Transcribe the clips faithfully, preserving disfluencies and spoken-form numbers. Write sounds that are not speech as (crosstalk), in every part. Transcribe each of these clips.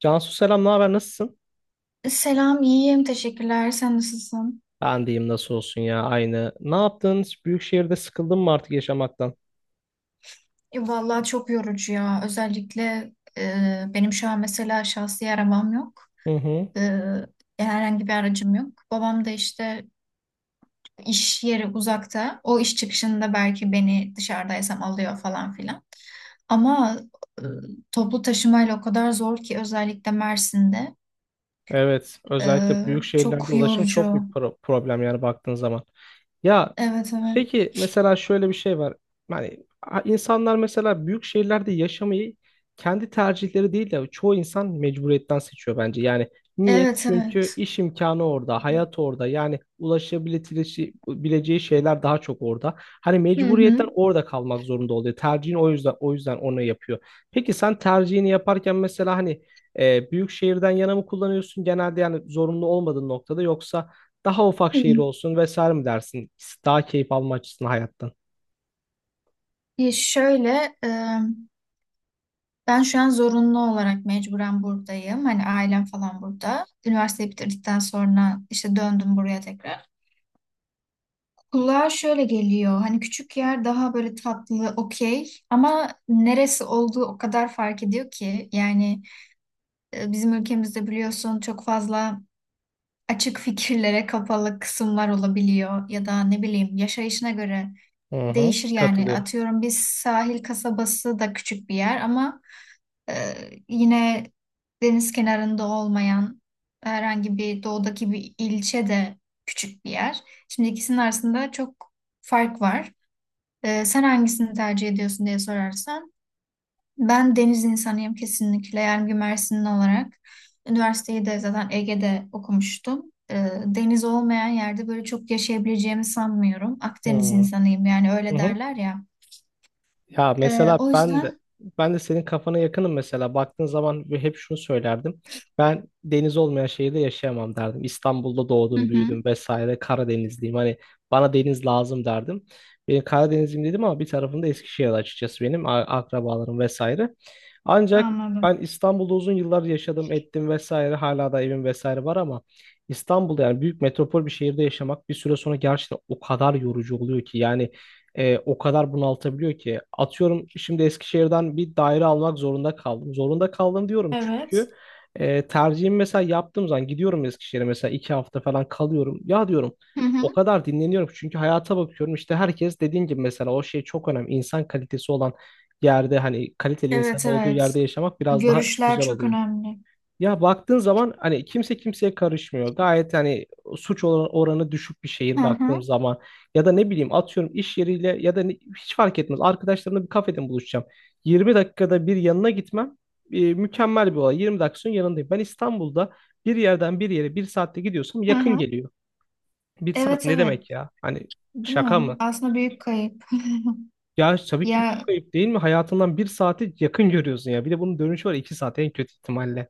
Cansu selam, ne haber? Nasılsın? Selam, iyiyim. Teşekkürler. Sen nasılsın? Ben diyeyim nasıl olsun ya aynı. Ne yaptın? Büyük şehirde sıkıldın mı artık yaşamaktan? E, vallahi çok yorucu ya. Özellikle e, benim şu an mesela şahsi arabam yok. Hı hı. E, yani herhangi bir aracım yok. Babam da işte iş yeri uzakta. O iş çıkışında belki beni dışarıdaysam alıyor falan filan. Ama e, toplu taşımayla o kadar zor ki özellikle Mersin'de. Evet, E, özellikle büyük şehirlerde Çok ulaşım çok bir yorucu. pro- problem yani baktığın zaman. Ya, Evet, evet. peki mesela şöyle bir şey var. Yani a- insanlar mesela büyük şehirlerde yaşamayı kendi tercihleri değil de çoğu insan mecburiyetten seçiyor bence. Yani niye? Evet, Çünkü evet. iş imkanı orada, hayat orada. Yani ulaşabileceği bileceği şeyler daha çok orada. Hani Hı mecburiyetten hı. orada kalmak zorunda oluyor. Tercihini o yüzden o yüzden onu yapıyor. Peki sen tercihini yaparken mesela hani e, büyük şehirden yana mı kullanıyorsun genelde yani zorunlu olmadığın noktada yoksa daha ufak Hı. şehir olsun vesaire mi dersin? Daha keyif alma açısından hayattan. E, şöyle... E, Ben şu an zorunlu olarak mecburen buradayım. Hani ailem falan burada. Üniversiteyi bitirdikten sonra işte döndüm buraya tekrar. Kulağa şöyle geliyor. Hani küçük yer daha böyle tatlı, okey. Ama neresi olduğu o kadar fark ediyor ki. Yani e, bizim ülkemizde biliyorsun çok fazla açık fikirlere kapalı kısımlar olabiliyor. Ya da ne bileyim yaşayışına göre Hı hı. değişir yani. Katılıyorum. Atıyorum biz sahil kasabası da küçük bir yer ama Ee, yine deniz kenarında olmayan herhangi bir doğudaki bir ilçe de küçük bir yer. Şimdi ikisinin arasında çok fark var. Ee, sen hangisini tercih ediyorsun diye sorarsan ben deniz insanıyım kesinlikle. Yani bir Mersinli olarak üniversiteyi de zaten Ege'de okumuştum. Ee, deniz olmayan yerde böyle çok yaşayabileceğimi sanmıyorum. Akdeniz Hı insanıyım yani öyle hı. derler ya. Ya Ee, mesela O ben de yüzden... ben de senin kafana yakınım mesela. Baktığın zaman ve hep şunu söylerdim. Ben deniz olmayan şehirde yaşayamam derdim. İstanbul'da Hı doğdum, hı. büyüdüm vesaire. Karadenizliyim. Hani bana deniz lazım derdim. Benim Karadenizliyim dedim ama bir tarafımda Eskişehir açıkçası benim a- akrabalarım vesaire. Ancak Anladım. ben İstanbul'da uzun yıllar yaşadım, ettim vesaire. Hala da evim vesaire var ama İstanbul'da yani büyük metropol bir şehirde yaşamak bir süre sonra gerçekten o kadar yorucu oluyor ki yani e, o kadar bunaltabiliyor ki. Atıyorum şimdi Eskişehir'den bir daire almak zorunda kaldım. Zorunda kaldım diyorum Evet. çünkü e, tercihimi mesela yaptığım zaman gidiyorum Eskişehir'e mesela iki hafta falan kalıyorum. Ya diyorum o (laughs) kadar dinleniyorum ki çünkü hayata bakıyorum işte herkes dediğin gibi mesela o şey çok önemli. İnsan kalitesi olan yerde hani kaliteli insan Evet, olduğu evet. yerde yaşamak biraz daha Görüşler güzel çok oluyor. önemli. Ya baktığın zaman hani kimse kimseye karışmıyor. Gayet hani suç oran- oranı düşük bir şehir Hı baktığım hı. zaman ya da ne bileyim atıyorum iş yeriyle ya da ne- hiç fark etmez. Arkadaşlarımla bir kafede buluşacağım. yirmi dakikada bir yanına gitmem e, mükemmel bir olay. yirmi dakika sonra yanındayım. Ben İstanbul'da bir yerden bir yere bir saatte gidiyorsam Hı yakın hı. geliyor. Bir saat Evet, ne evet. demek ya? Hani Değil şaka mi? mı? Aslında büyük kayıp. (laughs) Ya tabii ki çok Ya, kayıp değil mi? Hayatından bir saati yakın görüyorsun ya. Bir de bunun dönüşü var, iki saat en kötü ihtimalle.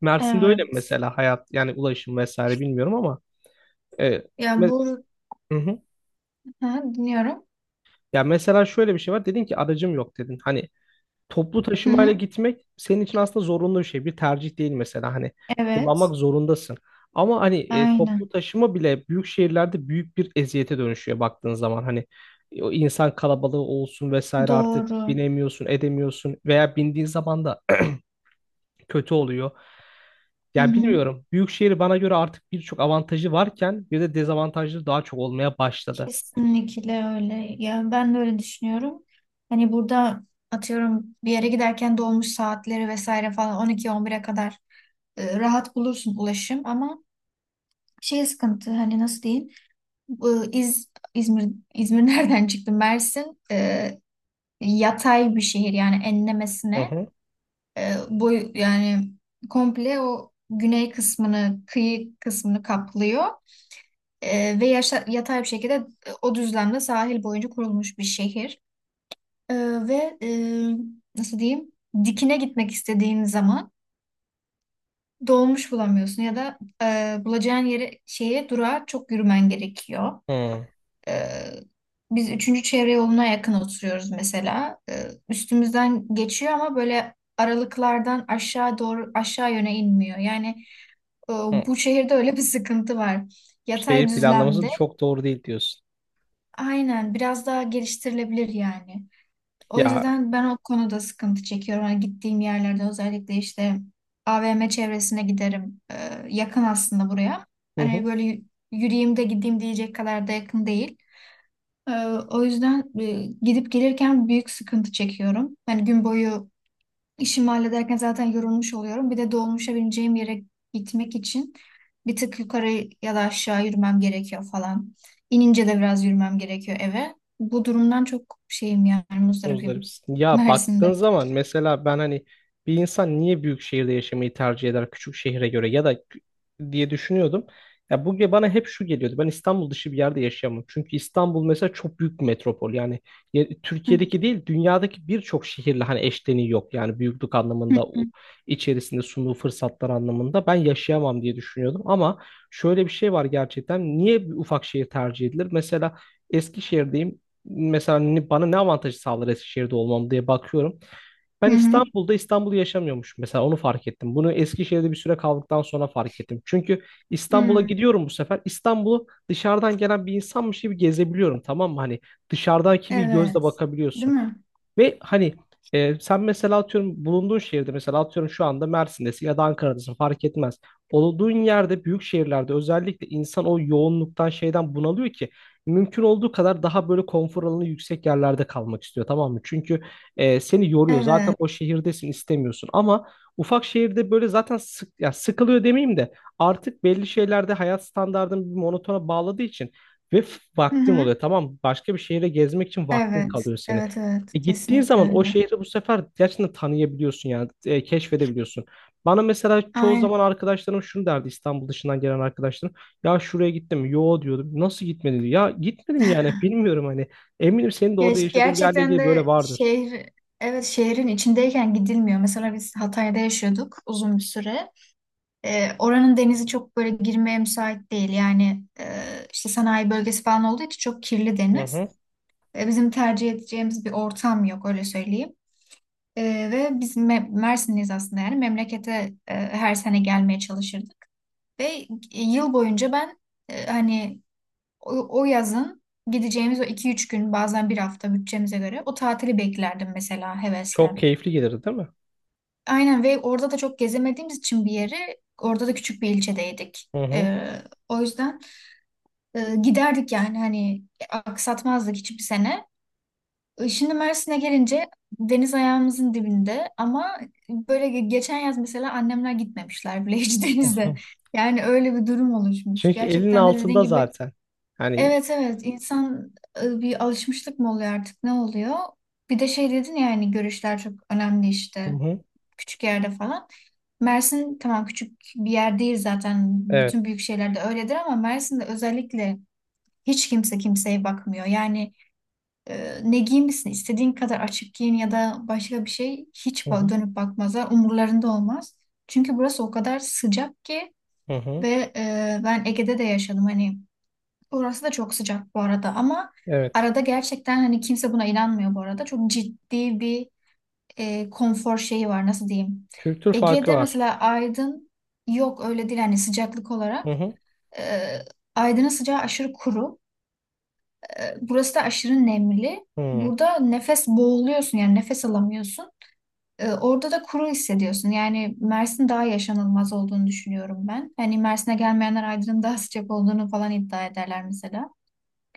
Mersin'de öyle mi evet. mesela hayat yani ulaşım vesaire bilmiyorum ama. E, Ya me- bu hı hı. ha, dinliyorum. Ya mesela şöyle bir şey var. Dedin ki aracım yok dedin. Hani toplu Hı taşımayla hı. gitmek senin için aslında zorunlu bir şey. Bir tercih değil mesela hani Evet. kullanmak zorundasın. Ama hani e, toplu Aynen. taşıma bile büyük şehirlerde büyük bir eziyete dönüşüyor baktığın zaman. Hani e, o insan kalabalığı olsun vesaire artık Doğru. binemiyorsun, edemiyorsun veya bindiğin zaman da kötü oluyor. Hı Ya hı. bilmiyorum. Büyükşehir bana göre artık birçok avantajı varken bir de dezavantajları daha çok olmaya başladı. Kesinlikle öyle. Ya, ben de öyle düşünüyorum. Hani burada atıyorum bir yere giderken dolmuş saatleri vesaire falan on iki on bire kadar e, rahat bulursun ulaşım ama şey sıkıntı hani nasıl diyeyim? Bu İz, İzmir, İzmir (laughs) nereden çıktı? Mersin e, yatay bir şehir yani Hı enlemesine hı. e, boy yani komple o güney kısmını, kıyı kısmını kaplıyor. E, ve yaşa- yatay bir şekilde e, o düzlemde sahil boyunca kurulmuş bir şehir. E, Ve e, nasıl diyeyim? Dikine gitmek istediğin zaman dolmuş bulamıyorsun ya da e, bulacağın yere şeye durağa çok yürümen gerekiyor. Hı Ee, Biz üçüncü çevre yoluna yakın oturuyoruz mesela. Ee, üstümüzden geçiyor ama böyle aralıklardan aşağı doğru aşağı yöne inmiyor. Yani e, hı. bu şehirde öyle bir sıkıntı var. Yatay Şehir planlaması düzlemde çok doğru değil diyorsun. aynen biraz daha geliştirilebilir yani. O Ya yüzden ben o konuda sıkıntı çekiyorum. Hani gittiğim yerlerde özellikle işte A V M çevresine giderim. Ee, yakın aslında buraya. hı hı. Hani böyle y- yürüyeyim de gideyim diyecek kadar da yakın değil. Ee, O yüzden e, gidip gelirken büyük sıkıntı çekiyorum. Yani gün boyu işimi hallederken zaten yorulmuş oluyorum. Bir de dolmuşa bineceğim yere gitmek için bir tık yukarı ya da aşağı yürümem gerekiyor falan. İnince de biraz yürümem gerekiyor eve. Bu durumdan çok şeyim yani muzdaribim Muzdaripsin. Ya baktığın Mersin'de. zaman mesela ben hani bir insan niye büyük şehirde yaşamayı tercih eder küçük şehre göre ya da kü- diye düşünüyordum. Ya bu ge- bana hep şu geliyordu. Ben İstanbul dışı bir yerde yaşayamam. Çünkü İstanbul mesela çok büyük bir metropol. Yani ye- Hı Türkiye'deki değil dünyadaki birçok şehirle hani eşleniği yok. Yani büyüklük hı. anlamında o- içerisinde sunduğu fırsatlar anlamında ben yaşayamam diye düşünüyordum. Ama şöyle bir şey var gerçekten. Niye bir ufak şehir tercih edilir? Mesela Eskişehir'deyim mesela ne- bana ne avantajı sağlar Eskişehir'de olmam diye bakıyorum. Hı Ben hı. İstanbul'da İstanbul'u yaşamıyormuşum mesela onu fark ettim. Bunu Eskişehir'de bir süre kaldıktan sonra fark ettim. Çünkü İstanbul'a Hı. gidiyorum bu sefer. İstanbul'u dışarıdan gelen bir insanmış gibi gezebiliyorum, tamam mı? Hani dışarıdaki bir gözle Evet. Değil bakabiliyorsun. mi? Ve hani e, sen mesela atıyorum bulunduğun şehirde mesela atıyorum şu anda Mersin'desin ya da Ankara'dasın fark etmez. Olduğun yerde büyük şehirlerde özellikle insan o yoğunluktan şeyden bunalıyor ki mümkün olduğu kadar daha böyle konfor alanı yüksek yerlerde kalmak istiyor, tamam mı? Çünkü e, seni yoruyor zaten o Evet. şehirdesin istemiyorsun ama ufak şehirde böyle zaten sık, ya sıkılıyor demeyeyim de artık belli şeylerde hayat standartını bir monotona bağladığı için ve f- Hı vaktin hı. oluyor, tamam mı? Başka bir şehire gezmek için vaktin Evet. kalıyor senin. Evet, evet. E gittiğin Kesinlikle zaman o öyle. şehri bu sefer gerçekten tanıyabiliyorsun yani e, keşfedebiliyorsun. Bana mesela çoğu Aynen. zaman arkadaşlarım şunu derdi, İstanbul dışından gelen arkadaşlarım. Ya şuraya gittim mi? Yo diyordum. Nasıl gitmedin? Diyor. Ya gitmedim yani bilmiyorum hani. Eminim senin de Ya orada işte yaşadığın yerle gerçekten ilgili böyle de vardır. şehir, evet, şehrin içindeyken gidilmiyor. Mesela biz Hatay'da yaşıyorduk uzun bir süre. Ee, oranın denizi çok böyle girmeye müsait değil. Yani e, işte sanayi bölgesi falan olduğu için çok kirli Hı deniz. hı. E, bizim tercih edeceğimiz bir ortam yok öyle söyleyeyim. E, Ve biz Me- Mersinliyiz aslında yani memlekete e, her sene gelmeye çalışırdık. Ve e, yıl boyunca ben e, hani o, o yazın gideceğimiz o iki üç gün bazen bir hafta bütçemize göre o tatili beklerdim mesela hevesle. Çok keyifli gelir değil mi? Aynen ve orada da çok gezemediğimiz için bir yeri orada da küçük bir ilçedeydik. Hı hı. Ee, o yüzden e, giderdik yani hani e, aksatmazdık hiçbir sene. E, Şimdi Mersin'e gelince deniz ayağımızın dibinde ama böyle ge- geçen yaz mesela annemler gitmemişler bile hiç (laughs) Hı denize. hı. Yani öyle bir durum oluşmuş. Çünkü elinin Gerçekten de dediğin altında gibi zaten. Hani evet, evet, insan e, bir alışmışlık mı oluyor artık ne oluyor? Bir de şey dedin ya hani görüşler çok önemli hı işte hı. küçük yerde falan. Mersin tamam küçük bir yer değil zaten Evet. bütün büyük şeylerde öyledir ama Mersin'de özellikle hiç kimse kimseye bakmıyor. Yani e, ne giymişsin istediğin kadar açık giyin ya da başka bir şey hiç Hı ba- hı. dönüp bakmazlar umurlarında olmaz. Çünkü burası o kadar sıcak ki Hı hı. ve e, ben Ege'de de yaşadım hani orası da çok sıcak bu arada ama Evet. arada gerçekten hani kimse buna inanmıyor bu arada. Çok ciddi bir e, konfor şeyi var nasıl diyeyim. Kültür farkı Ege'de var. mesela Aydın yok öyle değil hani sıcaklık Hı olarak. hı. E, Aydın'ın sıcağı aşırı kuru. E, burası da aşırı nemli. Hı. Burada nefes boğuluyorsun yani nefes alamıyorsun. E, orada da kuru hissediyorsun. Yani Mersin daha yaşanılmaz olduğunu düşünüyorum ben. Hani Mersin'e gelmeyenler Aydın'ın daha sıcak olduğunu falan iddia ederler mesela.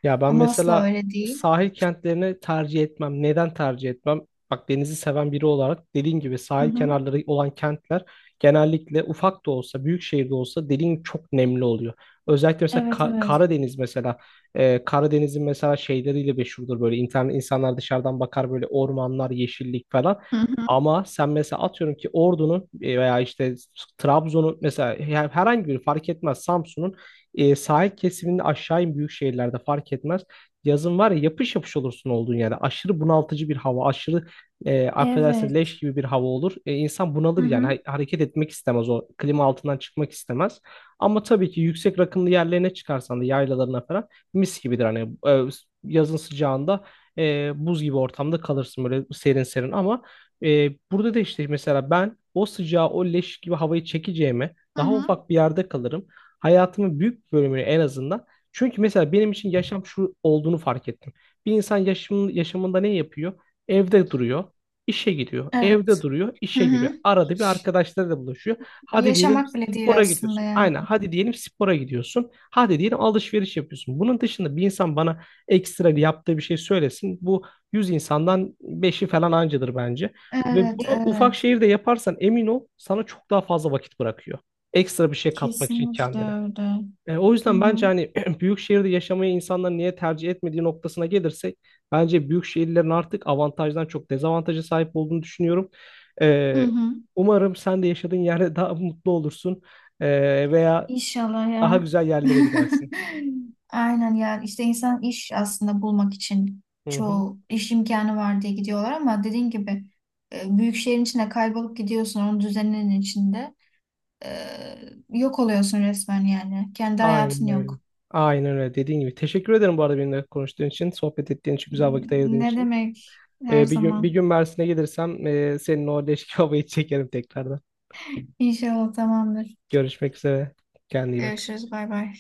Ya ben Ama asla mesela öyle değil. sahil kentlerini tercih etmem. Neden tercih etmem? Bak, denizi seven biri olarak, dediğin gibi Hı sahil hı. kenarları olan kentler genellikle ufak da olsa, büyük şehirde olsa dediğin gibi çok nemli oluyor. Özellikle mesela Evet, Ka- evet. Karadeniz mesela e, Karadeniz'in mesela şeyleriyle meşhurdur böyle internet insanlar dışarıdan bakar böyle ormanlar, yeşillik falan. Hı hı. Ama sen mesela atıyorum ki Ordu'nun e, veya işte Trabzon'un mesela her- herhangi bir fark etmez Samsun'un e, sahil kesiminin aşağı in büyük şehirlerde fark etmez. Yazın var ya yapış yapış olursun olduğun yerde. Aşırı bunaltıcı bir hava, aşırı e, affedersin leş Evet. gibi bir hava olur. E, insan Hı bunalır yani hı. ha- hareket etmek istemez, o klima altından çıkmak istemez. Ama tabii ki yüksek rakımlı yerlerine çıkarsan da yaylalarına falan mis gibidir. Hani e, yazın sıcağında e, buz gibi ortamda kalırsın böyle serin serin ama e, burada da işte mesela ben o sıcağı o leş gibi havayı çekeceğime Hı daha hı. ufak bir yerde kalırım. Hayatımın büyük bir bölümünü en azından. Çünkü mesela benim için yaşam şu olduğunu fark ettim. Bir insan yaşamın, yaşamında ne yapıyor? Evde duruyor, işe gidiyor. Evde Evet. duruyor, Hı işe hı. gidiyor. Arada bir arkadaşlarıyla buluşuyor. Hadi diyelim Yaşamak bile değil spora aslında gidiyorsun. yani. Aynen. Hadi diyelim spora gidiyorsun. Hadi diyelim alışveriş yapıyorsun. Bunun dışında bir insan bana ekstra yaptığı bir şey söylesin. Bu yüz insandan beşi falan ancadır bence. Ve Evet, bunu ufak evet. şehirde yaparsan emin ol sana çok daha fazla vakit bırakıyor. Ekstra bir şey katmak için Kesinlikle kendine. öyle. E, o Hı yüzden hı. bence hani (clears throat) büyük şehirde yaşamayı insanlar niye tercih etmediği noktasına gelirsek bence büyük şehirlerin artık avantajdan çok dezavantaja sahip olduğunu düşünüyorum. Hı E, hı. umarım sen de yaşadığın yerde daha (laughs) mutlu olursun. E, veya İnşallah daha ya. güzel yerlere gidersin. (laughs) Aynen ya işte insan iş aslında bulmak için Hı hı. çoğu iş imkanı var diye gidiyorlar ama dediğin gibi e, büyük şehrin içine kaybolup gidiyorsun onun düzeninin içinde. E, Yok oluyorsun resmen yani kendi Aynen hayatın öyle. yok. Aynen öyle dediğin gibi. Teşekkür ederim bu arada benimle konuştuğun için, sohbet ettiğin için, güzel vakit ayırdığın Ne için. demek her E, bir gün bir zaman. gün Mersin'e gelirsem e, senin o leş kebabı (laughs) çekerim tekrardan. İnşallah tamamdır. Görüşmek üzere. Kendine iyi bak. Görüşürüz. Bay bay.